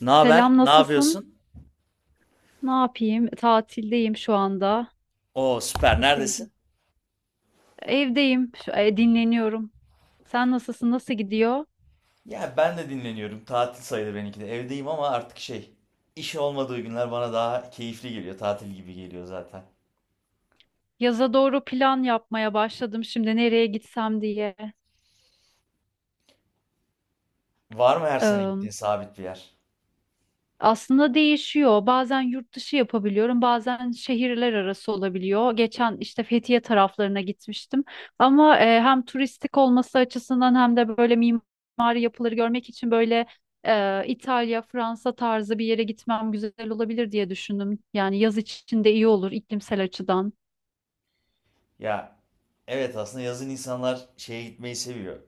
Ne haber? Selam, Ne nasılsın? yapıyorsun? Ne yapayım? Tatildeyim şu anda. Oo süper. Nasıl Neredesin? gideyim? Evdeyim, dinleniyorum. Sen nasılsın? Nasıl gidiyor? Ya ben de dinleniyorum. Tatil sayılır benimki de. Evdeyim ama artık şey, iş olmadığı günler bana daha keyifli geliyor. Tatil gibi geliyor zaten. Yaza doğru plan yapmaya başladım şimdi nereye gitsem diye. Var mı her sene gittiğin sabit bir yer? Aslında değişiyor. Bazen yurt dışı yapabiliyorum, bazen şehirler arası olabiliyor. Geçen işte Fethiye taraflarına gitmiştim. Ama hem turistik olması açısından hem de böyle mimari yapıları görmek için böyle İtalya, Fransa tarzı bir yere gitmem güzel olabilir diye düşündüm. Yani yaz için de iyi olur iklimsel açıdan. Ya evet aslında yazın insanlar şeye gitmeyi seviyor.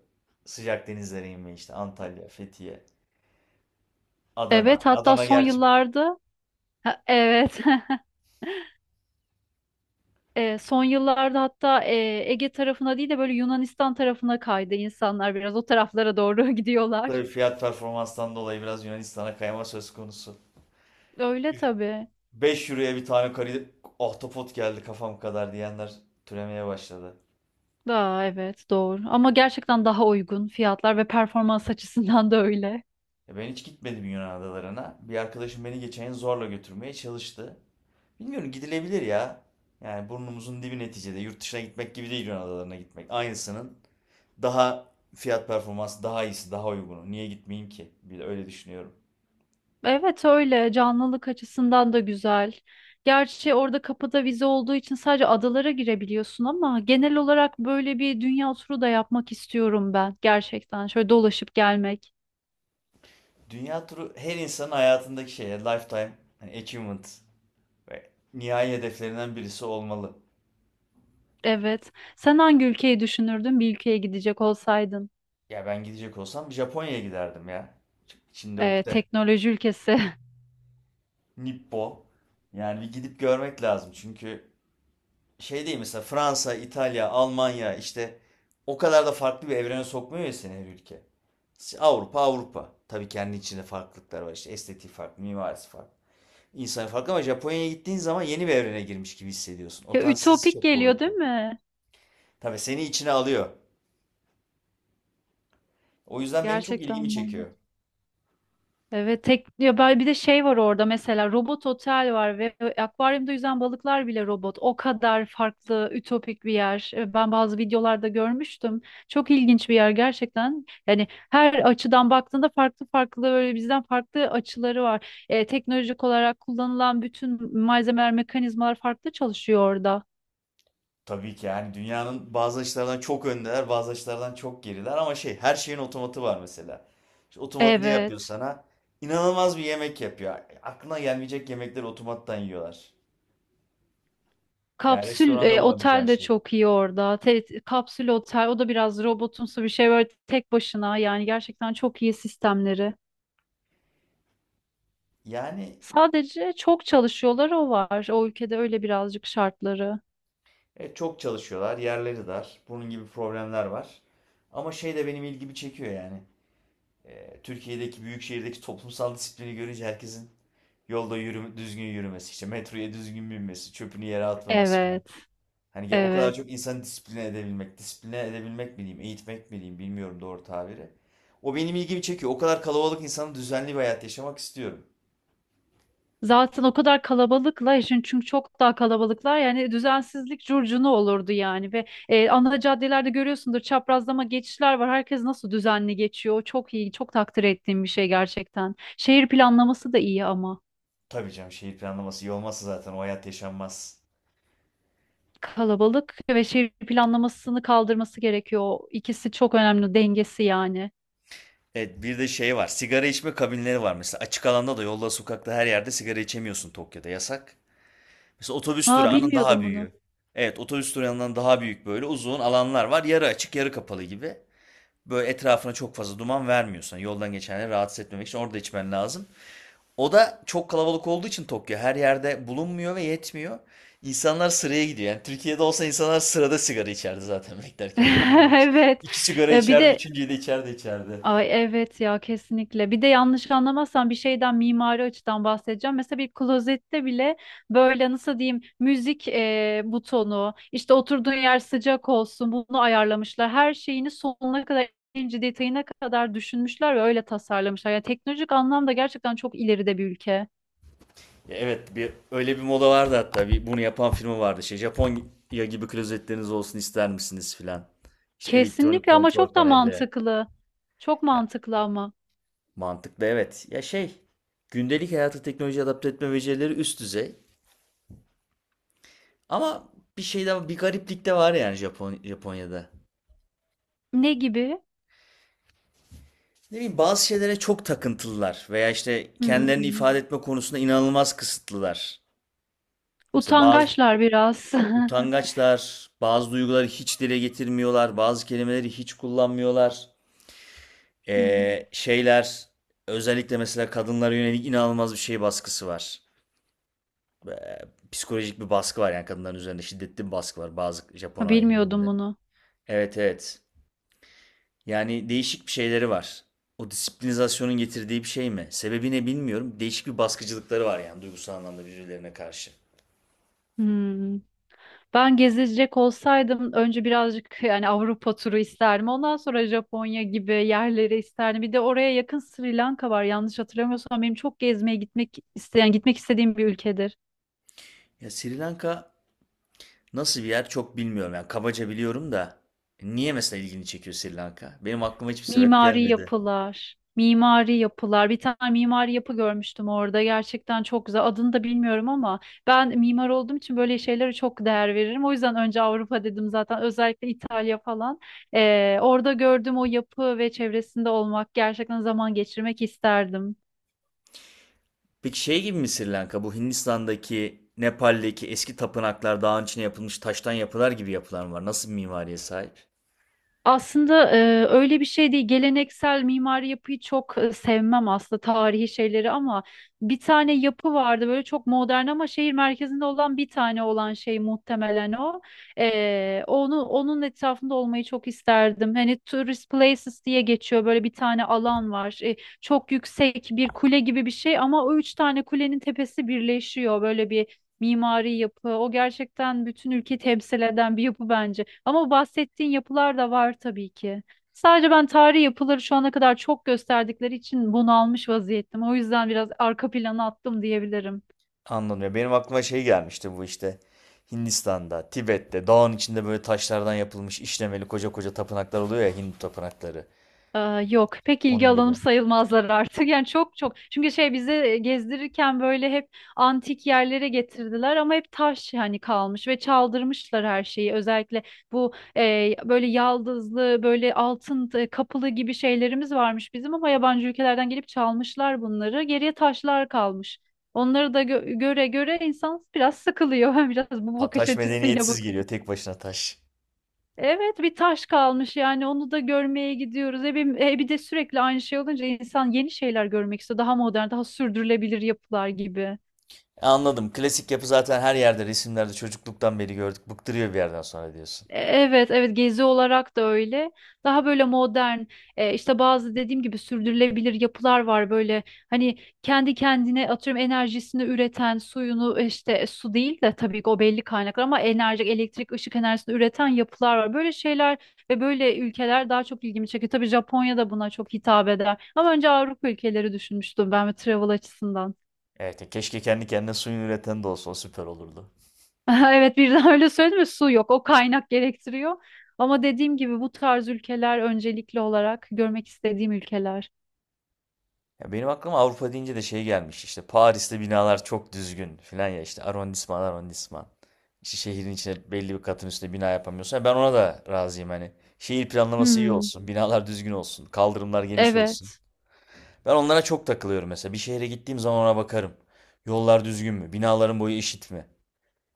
Sıcak denizlere inmeyi işte Antalya, Fethiye, Adana. Evet, hatta Adana son gerçi yıllarda... Ha, evet. Son yıllarda hatta Ege tarafına değil de böyle Yunanistan tarafına kaydı insanlar, biraz o taraflara doğru gidiyorlar. tabii fiyat performanstan dolayı biraz Yunanistan'a kayma söz konusu. Öyle tabii. 5 euroya bir tane kari ahtapot geldi kafam kadar diyenler türemeye başladı. Daha, evet, doğru, ama gerçekten daha uygun fiyatlar ve performans açısından da öyle. Ben hiç gitmedim Yunan adalarına. Bir arkadaşım beni geçen yıl zorla götürmeye çalıştı. Bilmiyorum gidilebilir ya. Yani burnumuzun dibi neticede. Yurt dışına gitmek gibi değil Yunan adalarına gitmek. Aynısının daha fiyat performans daha iyisi, daha uygunu. Niye gitmeyeyim ki? Bir de öyle düşünüyorum. Evet, öyle canlılık açısından da güzel. Gerçi orada kapıda vize olduğu için sadece adalara girebiliyorsun ama genel olarak böyle bir dünya turu da yapmak istiyorum ben gerçekten. Şöyle dolaşıp gelmek. Dünya turu her insanın hayatındaki şey. Lifetime hani achievement ve nihai hedeflerinden birisi olmalı. Evet. Sen hangi ülkeyi düşünürdün bir ülkeye gidecek olsaydın? Ya ben gidecek olsam Japonya'ya giderdim ya. Şimdi ukde. Teknoloji ülkesi. Nippo. Yani bir gidip görmek lazım çünkü şey değil mesela Fransa, İtalya, Almanya işte o kadar da farklı bir evrene sokmuyor ya seni her ülke. İşte Avrupa Avrupa. Tabii kendi içinde farklılıklar var işte estetiği farklı, mimarisi farklı. İnsan farklı ama Japonya'ya gittiğin zaman yeni bir evrene girmiş gibi hissediyorsun. Ya Otantisitesi ütopik çok geliyor değil kuvvetli. mi? Tabii seni içine alıyor. O yüzden benim çok ilgimi Gerçekten çekiyor. bambaşka. Evet, tek ya bir de şey var orada, mesela robot otel var ve akvaryumda yüzen balıklar bile robot. O kadar farklı, ütopik bir yer. Ben bazı videolarda görmüştüm. Çok ilginç bir yer gerçekten. Yani her açıdan baktığında farklı farklı, böyle bizden farklı açıları var. Teknolojik olarak kullanılan bütün malzemeler, mekanizmalar farklı çalışıyor orada. Tabii ki yani dünyanın bazı açılardan çok öndeler, bazı açılardan çok geriler ama şey her şeyin otomatı var mesela. İşte otomat ne yapıyor Evet. sana? İnanılmaz bir yemek yapıyor. Aklına gelmeyecek yemekleri otomattan yiyorlar. Yani Kapsül restoranda e, bulamayacağın otel de şey. çok iyi orada. Kapsül otel, o da biraz robotumsu bir şey, böyle tek başına, yani gerçekten çok iyi sistemleri. Yani Sadece çok çalışıyorlar, o var. O ülkede öyle birazcık şartları. Çok çalışıyorlar, yerleri dar. Bunun gibi problemler var. Ama şey de benim ilgimi çekiyor yani. E, Türkiye'deki büyük şehirdeki toplumsal disiplini görünce herkesin yolda yürüme, düzgün yürümesi, işte metroya düzgün binmesi, çöpünü yere atmaması. Evet, Hani ya o kadar evet. çok insanı disipline edebilmek, disipline edebilmek mi diyeyim, eğitmek mi diyeyim bilmiyorum doğru tabiri. O benim ilgimi çekiyor. O kadar kalabalık insanın düzenli bir hayat yaşamak istiyorum. Zaten o kadar kalabalıklar için, çünkü çok daha kalabalıklar, yani düzensizlik curcuna olurdu yani, ve ana caddelerde görüyorsundur, çaprazlama geçişler var. Herkes nasıl düzenli geçiyor. O çok iyi, çok takdir ettiğim bir şey gerçekten. Şehir planlaması da iyi ama. Tabii canım şehir planlaması iyi olmazsa zaten o hayat yaşanmaz. Kalabalık ve şehir planlamasını kaldırması gerekiyor. O İkisi çok önemli, dengesi yani. Evet bir de şey var. Sigara içme kabinleri var mesela. Açık alanda da yolda, sokakta her yerde sigara içemiyorsun Tokyo'da. Yasak. Mesela otobüs Aa, durağının daha bilmiyordum bunu. büyüğü. Evet otobüs durağından daha büyük böyle uzun alanlar var. Yarı açık yarı kapalı gibi. Böyle etrafına çok fazla duman vermiyorsan yoldan geçenleri rahatsız etmemek için orada içmen lazım. O da çok kalabalık olduğu için Tokyo her yerde bulunmuyor ve yetmiyor. İnsanlar sıraya gidiyor. Yani Türkiye'de olsa insanlar sırada sigara içerdi zaten beklerken oraya girmek için. Evet. İki sigara Bir içerdi, de, üçüncüyü de içerdi içerdi. ay, evet ya, kesinlikle. Bir de yanlış anlamazsan bir şeyden mimari açıdan bahsedeceğim. Mesela bir klozette bile böyle, nasıl diyeyim, müzik butonu, işte oturduğun yer sıcak olsun, bunu ayarlamışlar. Her şeyini sonuna kadar, ince detayına kadar düşünmüşler ve öyle tasarlamışlar. Yani teknolojik anlamda gerçekten çok ileride bir ülke. Ya evet bir öyle bir moda vardı hatta. Bir bunu yapan firma vardı. Şey Japonya gibi klozetleriniz olsun ister misiniz filan. İşte elektronik Kesinlikle, ama kontrol çok da panelleri. mantıklı. Çok Ya mantıklı ama. mantıklı evet. Ya şey gündelik hayata teknoloji adapte etme becerileri üst düzey. Ama bir şey de bir gariplik de var yani Japonya'da. Ne gibi? Ne bileyim bazı şeylere çok takıntılılar veya işte kendilerini Hmm. ifade etme konusunda inanılmaz kısıtlılar. Mesela bazı Utangaçlar biraz. utangaçlar, bazı duyguları hiç dile getirmiyorlar, bazı kelimeleri hiç kullanmıyorlar. Hmm. Şeyler özellikle mesela kadınlara yönelik inanılmaz bir şey baskısı var. Psikolojik bir baskı var yani kadınların üzerinde şiddetli bir baskı var bazı Ha, Japon bilmiyordum ailelerinde. bunu. Evet, evet. Yani değişik bir şeyleri var. O disiplinizasyonun getirdiği bir şey mi? Sebebi ne bilmiyorum. Değişik bir baskıcılıkları var yani duygusal anlamda birbirlerine karşı. Hmm. Ben gezecek olsaydım önce birazcık yani Avrupa turu isterdim. Ondan sonra Japonya gibi yerleri isterdim. Bir de oraya yakın Sri Lanka var. Yanlış hatırlamıyorsam benim çok gezmeye gitmek istediğim bir ülkedir. Ya Sri Lanka nasıl bir yer çok bilmiyorum. Yani kabaca biliyorum da niye mesela ilgini çekiyor Sri Lanka? Benim aklıma hiçbir sebep Mimari gelmedi. yapılar, mimari yapılar. Bir tane mimari yapı görmüştüm orada. Gerçekten çok güzel. Adını da bilmiyorum, ama ben mimar olduğum için böyle şeylere çok değer veririm. O yüzden önce Avrupa dedim zaten. Özellikle İtalya falan. Orada gördüğüm o yapı ve çevresinde olmak, gerçekten zaman geçirmek isterdim. Peki şey gibi mi Sri Lanka? Bu Hindistan'daki, Nepal'deki eski tapınaklar dağın içine yapılmış taştan yapılar gibi yapılar mı var? Nasıl bir mimariye sahip? Aslında öyle bir şey değil. Geleneksel mimari yapıyı çok sevmem aslında, tarihi şeyleri, ama bir tane yapı vardı, böyle çok modern ama şehir merkezinde olan bir tane olan şey, muhtemelen o. Onun etrafında olmayı çok isterdim. Hani tourist places diye geçiyor, böyle bir tane alan var. Çok yüksek bir kule gibi bir şey, ama o üç tane kulenin tepesi birleşiyor, böyle bir mimari yapı. O gerçekten bütün ülkeyi temsil eden bir yapı bence. Ama bahsettiğin yapılar da var tabii ki. Sadece ben tarihi yapıları şu ana kadar çok gösterdikleri için bunalmış vaziyettim. O yüzden biraz arka plana attım diyebilirim. Anladım ya. Benim aklıma şey gelmişti bu işte. Hindistan'da, Tibet'te, dağın içinde böyle taşlardan yapılmış işlemeli koca koca tapınaklar oluyor ya Hindu tapınakları. Ee, Yok, pek ilgi Onun alanım gibi. sayılmazlar artık yani, çok çünkü şey, bize gezdirirken böyle hep antik yerlere getirdiler, ama hep taş hani kalmış ve çaldırmışlar her şeyi, özellikle bu böyle yaldızlı, böyle altın kapılı gibi şeylerimiz varmış bizim, ama yabancı ülkelerden gelip çalmışlar bunları, geriye taşlar kalmış, onları da göre göre insan biraz sıkılıyor biraz bu Ta- bakış taş açısıyla medeniyetsiz bakıyor. geliyor tek başına taş. Evet, bir taş kalmış yani, onu da görmeye gidiyoruz. Bir de sürekli aynı şey olunca insan yeni şeyler görmek istiyor. Daha modern, daha sürdürülebilir yapılar gibi. Anladım. Klasik yapı zaten her yerde resimlerde çocukluktan beri gördük. Bıktırıyor bir yerden sonra diyorsun. Evet, evet, gezi olarak da öyle. Daha böyle modern, işte bazı dediğim gibi sürdürülebilir yapılar var böyle. Hani kendi kendine, atıyorum, enerjisini üreten, işte su değil de tabii ki, o belli kaynaklar, ama enerji, elektrik, ışık enerjisini üreten yapılar var. Böyle şeyler ve böyle ülkeler daha çok ilgimi çekiyor. Tabii Japonya da buna çok hitap eder. Ama önce Avrupa ülkeleri düşünmüştüm ben, ve travel açısından. Evet, ya keşke kendi kendine suyunu üreten de olsa o süper olurdu. Evet, birden öyle söyledim ve su yok. O kaynak gerektiriyor. Ama dediğim gibi bu tarz ülkeler öncelikli olarak görmek istediğim ülkeler. Ya benim aklıma Avrupa deyince de şey gelmiş. İşte Paris'te binalar çok düzgün filan ya işte arrondisman arrondisman. İşte şehrin içine belli bir katın üstüne bina yapamıyorsun. Ya ben ona da razıyım hani. Şehir planlaması iyi Hmm, olsun, binalar düzgün olsun, kaldırımlar geniş olsun. evet. Ben onlara çok takılıyorum mesela. Bir şehre gittiğim zaman ona bakarım. Yollar düzgün mü? Binaların boyu eşit mi?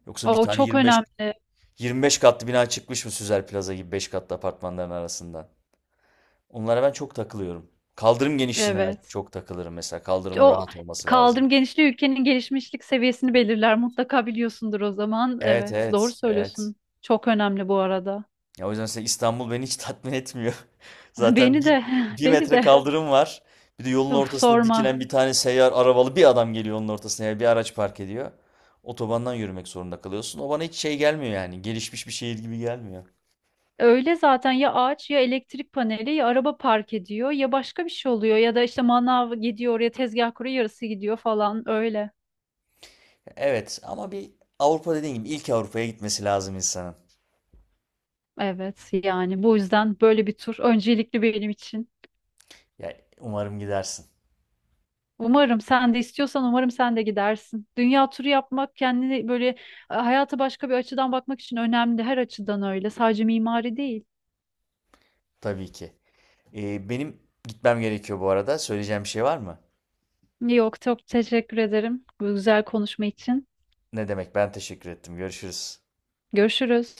Yoksa bir O tane çok yirmi beş önemli. yirmi beş katlı bina çıkmış mı Süzer Plaza gibi 5 katlı apartmanların arasından? Onlara ben çok takılıyorum. Kaldırım genişliğine Evet. çok takılırım mesela. Kaldırımın O rahat olması lazım. kaldırım genişliği ülkenin gelişmişlik seviyesini belirler. Mutlaka biliyorsundur o zaman. Evet, Evet, doğru evet, evet. söylüyorsun. Çok önemli bu arada. Ya o yüzden mesela İstanbul beni hiç tatmin etmiyor. Zaten Beni de, bir, bir beni metre de. kaldırım var. Bir de yolun Of, ortasında sorma. dikilen bir tane seyyar arabalı bir adam geliyor onun ortasına ya bir araç park ediyor. Otobandan yürümek zorunda kalıyorsun. O bana hiç şey gelmiyor yani. Gelişmiş bir şehir gibi gelmiyor. Öyle zaten, ya ağaç, ya elektrik paneli, ya araba park ediyor, ya başka bir şey oluyor, ya da işte manav gidiyor oraya tezgah kuruyor, yarısı gidiyor falan, öyle. Evet ama bir Avrupa dediğin gibi ilk Avrupa'ya gitmesi lazım insanın. Evet, yani bu yüzden böyle bir tur öncelikli benim için. Ya umarım gidersin. Umarım sen de istiyorsan, umarım sen de gidersin. Dünya turu yapmak, kendini böyle, hayata başka bir açıdan bakmak için önemli, her açıdan öyle, sadece mimari değil. Tabii ki. Benim gitmem gerekiyor bu arada. Söyleyeceğim bir şey var mı? Yok, çok teşekkür ederim bu güzel konuşma için. Ne demek? Ben teşekkür ettim. Görüşürüz. Görüşürüz.